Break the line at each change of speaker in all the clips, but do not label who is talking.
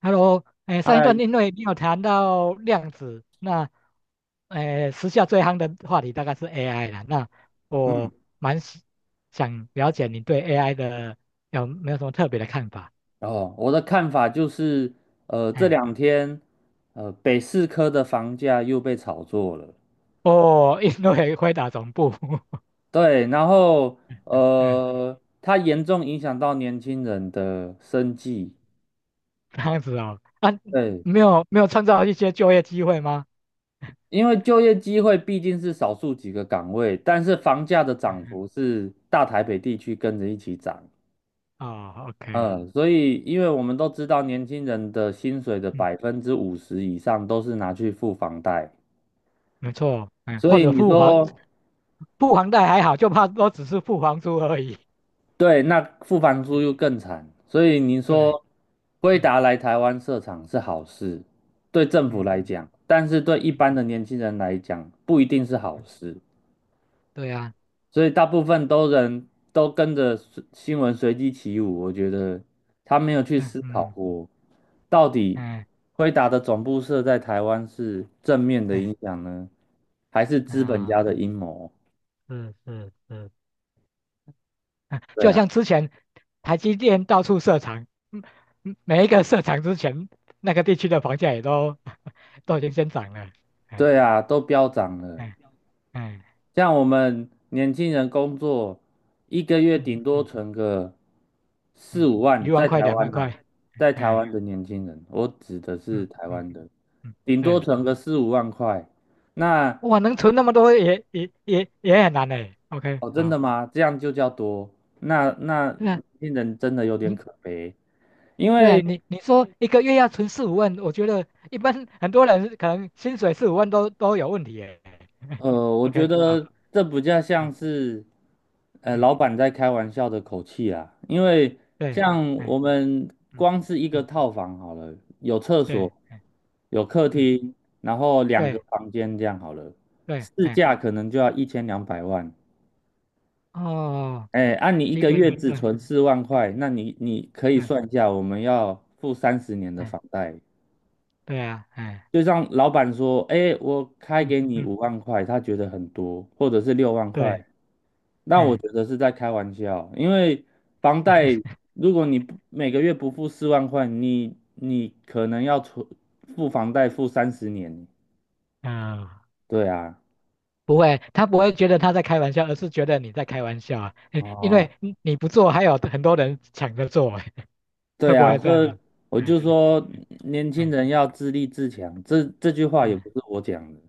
Hello，哎，上一
哎，
段因为你有谈到量子，那，哎，时下最夯的话题大概是 AI 了。那
嗯，
我蛮喜想了解你对 AI 的有没有什么特别的看法？
哦，我的看法就是，这
哎，
两天，北四科的房价又被炒作了，
哦，因为回答总部，
对，然后，
嗯，
它严重影响到年轻人的生计，
这样子哦，啊，
对，
没有没有创造一些就业机会吗？
因为就业机会毕竟是少数几个岗位，但是房价的
嗯
涨
嗯，
幅是大台北地区跟着一起涨，
哦，OK，
所以因为我们都知道年轻人的薪水的
嗯，
50%以上都是拿去付房贷。
没错，嗯，
所
或
以
者
你说，
付房贷还好，就怕都只是付房租而已。
对，那付房 租
嗯
又更惨，所以你
对，
说辉
嗯
达来台湾设厂是好事，对政府
嗯。
来讲，但是对一
嗯
般的
嗯
年轻人来讲不一定是好
嗯，
事，
对呀、
所以大部分都人都跟着随新闻随机起舞，我觉得他没有去
嗯
思考
嗯
过，到底
嗯
辉达的总部设在台湾是正面的
嗯
影响呢，还是资本
啊，
家的阴谋？
是是是，嗯
对
就
啊，
像之前台积电到处设厂，嗯，嗯每一个设厂之前，那个地区的房价也都 都已经先涨了，哎
对啊，都飙涨了。
哎哎，
像我们年轻人工作，一个月
嗯
顶多
嗯
存个四
嗯，
五万，
一万
在
块
台
两万
湾呐、
块，
在台
哎
湾的年轻人，我指的是
嗯
台
嗯
湾的，
嗯，
顶多
对，
存个4、5万块。那
哇，能存那么多也很难嘞，OK，
哦，真
好，
的吗？这样就叫多？那
对啊，
年轻人真的有点
你
可悲，因
对啊，
为
你说一个月要存四五万，我觉得一般很多人可能薪水四五万都有问题耶。
呃，我觉
OK，好，
得这比较
嗯
像是，
嗯，
老板在开玩笑的口气啊。因为
对，
像
哎
我们
嗯
光是一个
嗯
套房好了，有厕
对，
所，
哎
有客
嗯
厅，然后两个
对
房间这样好了，
对，
市
哎
价可能就要1,200万。
哦，
哎，你一
一
个
个
月
人
只
对，
存四万
哎
块，那你你可以
对，
算一下，我们要付三十年的
哎
房贷。
对啊，哎
就像老板说，哎，我开
嗯
给你
嗯
五万块，他觉得很多，或者是6万块。
对，
那我
哎
觉得是在开玩笑，因为房贷，如果你不每个月不付四万块，你可能要存付房贷付三十年。
嗯、呃
对啊，
不会，他不会觉得他在开玩笑，而是觉得你在开玩笑啊，哎因
哦，
为你不做，还有很多人抢着做，哎会
对
不
啊，
会这样
所以
子？
我 就说年
嗯
轻
嗯。
人要自立自强，这句话也
嗯，
不是我讲的，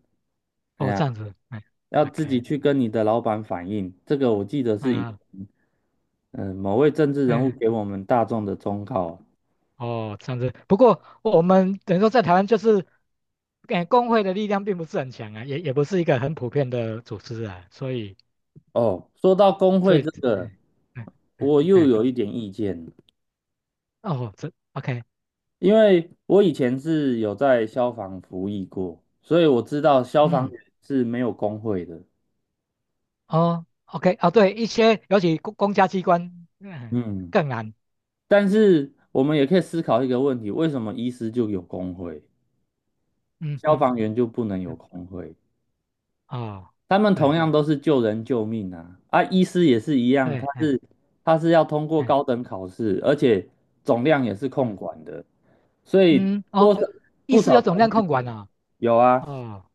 哎
哦，
呀，
这样子，哎
要自己
，OK，
去跟你的老板反映。这个我记得是以
嗯
某位政治人物
嗯，
给我们大众的忠告。
哦，这样子。不过我们等于说在台湾就是，哎，工会的力量并不是很强啊，也不是一个很普遍的组织啊，所以
哦，说到工
所
会
以，
这个，
哎哎哎，
我又
哎
有一点意见。
哦，这 OK，
因为我以前是有在消防服役过，所以我知道消防
嗯，
员是没有工会的。
哦，OK，哦，对，一些尤其公家机关，嗯，
嗯，
更难，
但是我们也可以思考一个问题：为什么医师就有工会，
嗯
消
嗯，
防员就不能有
嗯
工会？
哦，
他们同
对
样都是救人救命啊！啊，医师也是一样，
对，
他
哎
是他是要通过
哎
高等考试，而且总量也是控
嗯
管的，所以
嗯，
多
哦，
少
意
不
思
少
有
层
总量
面
控管啊，
有啊。
哦。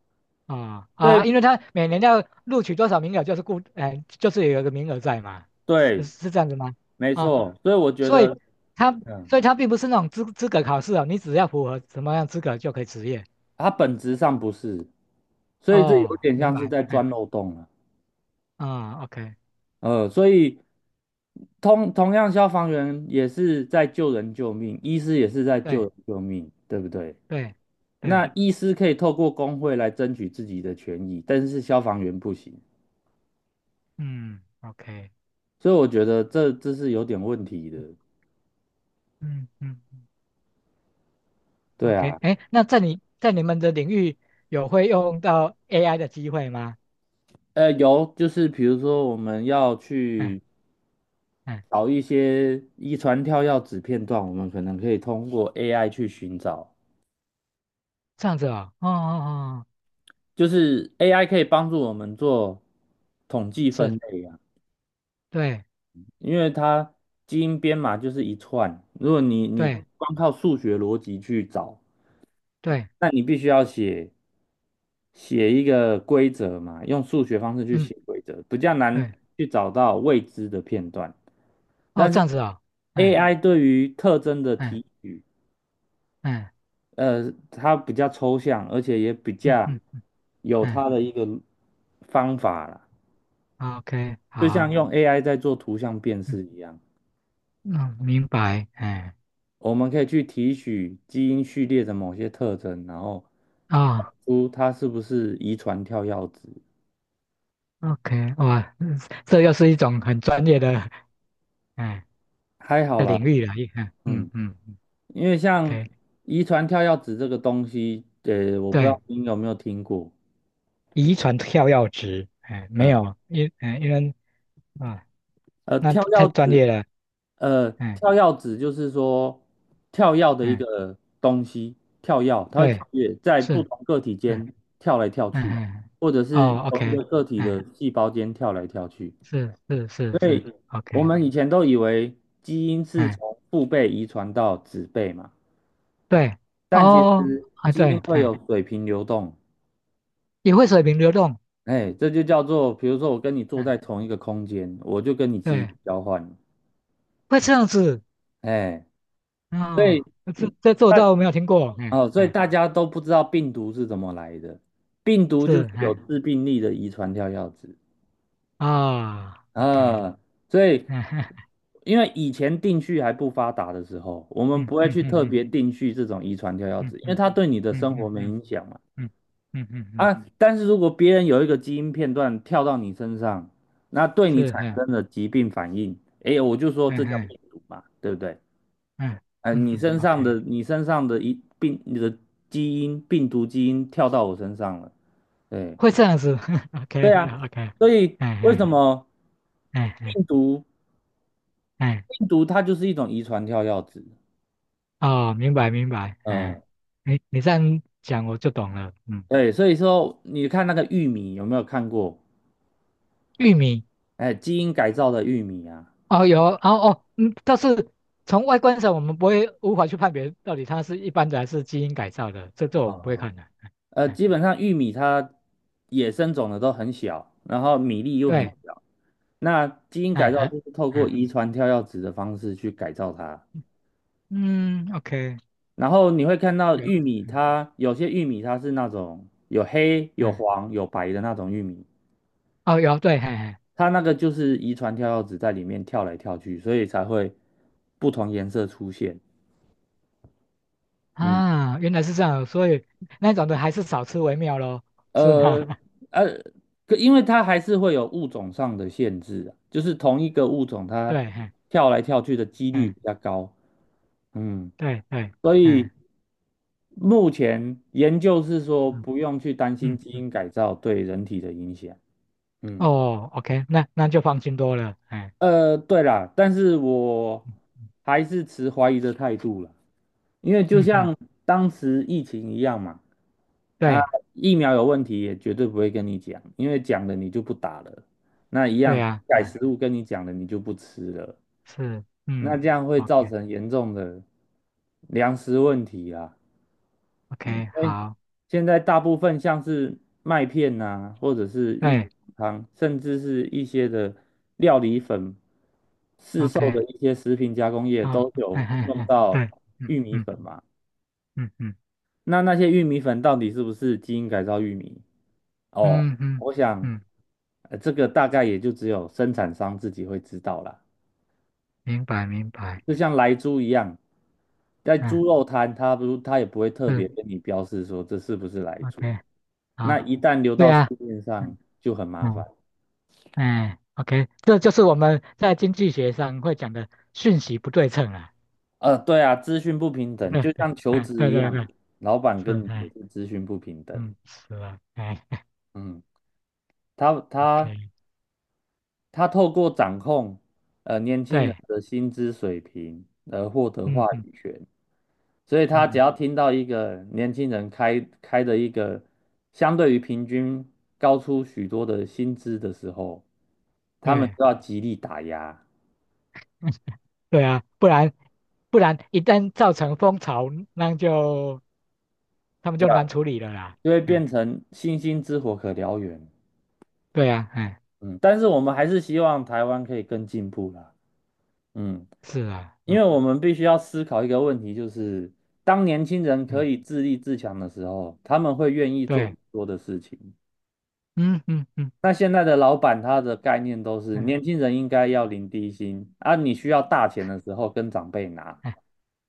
啊
所以
啊，因为他每年要录取多少名额，就是固，哎、就是有一个名额在嘛，是
对，
是这样子吗？
没
啊，
错，所以我觉
所以
得。
他
嗯
并不是那种资格考试哦，你只要符合什么样资格就可以执业。
它本质上不是，所以这有
哦，
点
明
像是
白，
在
哎，
钻漏洞了。
啊，OK，
所以同样，消防员也是在救人救命，医师也是在救
对
人救命，对不对？
对对，
那医师可以透过工会来争取自己的权益，但是消防员不行，
嗯，OK，
所以我觉得这是有点问题的。
嗯嗯嗯
对
，OK，
啊，
哎，那在你在你们的领域有会用到 AI 的机会吗？
有就是比如说我们要
嗯
去
嗯，
找一些遗传跳药子片段，我们可能可以通过 AI 去寻找。
这样子哦，哦哦哦，
就是 AI 可以帮助我们做统计分
是，
类啊，
对
因为它基因编码就是一串，如果你你
对
光靠数学逻辑去找，
对。
那你必须要写一个规则嘛，用数学方式去
嗯，
写规则，比较难
对，
去找到未知的片段。
哦，
但
这
是
样子哦，嗯
AI 对于特征的
嗯，
提取，
嗯
它比较抽象，而且也比
嗯
较
嗯
有
嗯
它的一个方法啦。
o k
就像
好，
用 AI 在做图像辨
嗯
识一样，
嗯，明白，哎，
我们可以去提取基因序列的某些特征，然后找
哦
出它是不是遗传跳药子。
，OK，哇，嗯这又是一种很专业的哎
还好
的
啦，
领域了，一嗯嗯
嗯，
嗯嗯
因为像
，OK，
遗传跳药子这个东西，我不知道
对，
您有没有听过，
遗传跳跃值，哎，没
嗯，
有，因为啊，
呃，
那
跳
太
药
专
子
业了，哎
跳药指就是说跳药的一
哎，
个东西，跳药它会
对，
跳跃在
是，
不同个体
嗯
间跳来跳
嗯嗯，
去，
哎
或者是
哦
同一
，OK，
个个体
哎，
的细胞间跳来跳去。
是是是是，OK，
我们以前都以为基因是
哎。
从父辈遗传到子辈嘛，
对，
但其
哦，
实
啊
基因
对，
会
哎，
有水平流动，
也会水平流动，
哎，这就叫做，比如说我跟你坐
嗯，
在同一个空间，我就跟你基因
对，
交换，
会这样子，
哎，所
哦，
以。
这
嗯。
这这我
那
倒没有听过，哎
哦，所以
哎，
大家都不知道病毒是怎么来的，病毒就
是，
是有
哎，
致病力的遗传跳药子
啊，OK，
啊，所以 因为以前定序还不发达的时候，我们
嗯
不会
嗯
去
嗯
特
嗯
别定序这种遗传跳药
嗯
子，因为
嗯
它对你的
嗯
生活
嗯嗯嗯
没
嗯
影响嘛。
嗯嗯，嗯
啊，但是如果别人有一个基因片段跳到你身上，那对你
是，
产
哎
生了疾病反应，哎，我就说
哎
这叫
哎
病毒嘛，对不对？
哎，
你
嗯
身上
，OK，
的你身上的一病，你的基因病毒基因跳到我身上了。对，
会这样子 ，OK
对啊，
啊 OK，
所以
哎
为什
哎
么
哎哎
病毒
哎，
病毒它就是一种遗传跳跃子？
哦，明白明白，哎，
嗯，
你这样讲我就懂了，嗯，
对，所以说你看那个玉米有没有看过？
玉米。
哎，基因改造的玉米啊，
哦，有哦，哦，嗯，但是从外观上，我们不会无法去判别到底它是一般的还是基因改造的，这我不会
哦，
看的。哎，哎
基本上玉米它野生种的都很小，然后米粒又很
对，
小，那基因
哎，
改造就
还，
是透过
哎，
遗传跳跃子的方式去改造它。
嗯，OK，
然后你会看到
有，
玉米它，有些玉米它是那种有黑、有
嗯，
黄、有白的那种玉米，
哦，有，对，嘿嘿，
它那个就是遗传跳跃子在里面跳来跳去，所以才会不同颜色出现。嗯，
啊，原来是这样，所以那种的还是少吃为妙咯，是吗？
呃 呃，可因为它还是会有物种上的限制啊，就是同一个物种它
对，嘿，
跳来跳去的几率
嗯，
比较高。嗯，
对对，
所以
嗯
目前研究是说
嗯
不用去担心
嗯
基
嗯，
因改造对人体的影响。嗯，
哦，OK，那就放心多了，哎，
对啦，但是我
嗯嗯，
还是持怀疑的态度啦。因为就
嗯嗯
像当时疫情一样嘛，啊，
对
疫苗有问题也绝对不会跟你讲，因为讲了你就不打了。那一
对
样
啊，
改
嗯，
食物跟你讲了，你就不吃了。
是，
那
嗯。
这样会
OK
造成严重的粮食问题啊。因
OK，
为
好，
现在大部分像是麦片呐、或者是玉米
对
汤，甚至是一些的料理粉，市售的
，OK，
一些食品加工业
哦，
都
哎
有
哎
用
哎，
到
对，嗯
玉米
嗯
粉嘛。
嗯嗯
那那些玉米粉到底是不是基因改造玉米？哦，
嗯嗯
我想，
嗯，
这个大概也就只有生产商自己会知道啦。
明白明白，
就像莱猪一样，在
嗯
猪肉摊，他也不会特
是
别跟你标示说这是不是莱猪。
，OK，好，
那一旦流
对
到市
啊，
面上，
嗯
就很麻烦。
嗯，哎，OK，这就是我们在经济学上会讲的讯息不对称啊，
对啊，资讯不平等，
对，
就像求
哎，
职
对
一
对对，
样，老板
是，
跟你也
哎，
是资讯不平等。
嗯，是啊，哎
嗯，他他
，OK，
他透过掌控年轻人
对，
的薪资水平而获得话
嗯嗯
语权，所以他只
嗯，
要听到一个年轻人开的一个相对于平均高出许多的薪资的时候，他们
对
就要极力打压，
对啊，不然一旦造成风潮，那就。他们就难处理了啦。
就会
嗯，
变成星星之火可燎原。
对啊，哎，
嗯，但是我们还是希望台湾可以更进步啦。嗯。
是啊，
因
嗯
为我们必须要思考一个问题，就是当年轻人可
嗯，
以自立自强的时候，他们会愿意做
对，
更多的事情。
嗯嗯嗯
那现在的老板他的概念都是
嗯，
年轻人应该要领低薪，啊，你需要大钱的时候跟长辈拿。
哎，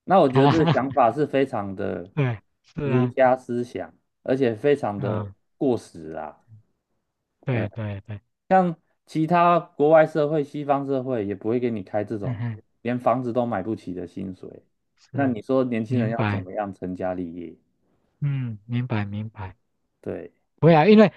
那我 觉得
好，
这个想法是非常的
对，是
儒
啊，
家思想，而且非常的
啊、
过时啊。对
对对对，
像其他国外社会、西方社会也不会给你开这
嗯
种
嗯，
连房子都买不起的薪水。那
是，
你说年轻人
明
要怎
白，
么样成家立业？
嗯，明白明白。
对，
不要，因为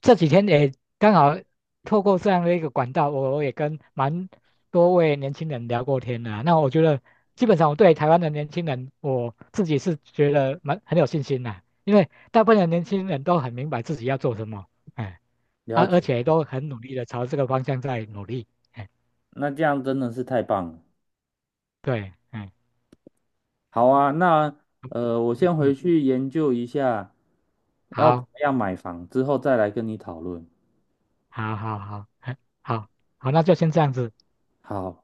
这几天也刚好透过这样的一个管道，我也跟蛮多位年轻人聊过天的啊那我觉得，基本上我对台湾的年轻人，我自己是觉得蛮很有信心的，因为大部分的年轻人都很明白自己要做什么。哎，
了
啊，而
解。
且都很努力的朝这个方向在努力。哎，
那这样真的是太棒了。
对，哎，
好啊，那我
嗯
先回
嗯，
去研究一下要怎
好，
么样买房，之后再来跟你讨论。
好，好，好，哎，好，好，那就先这样子。
好。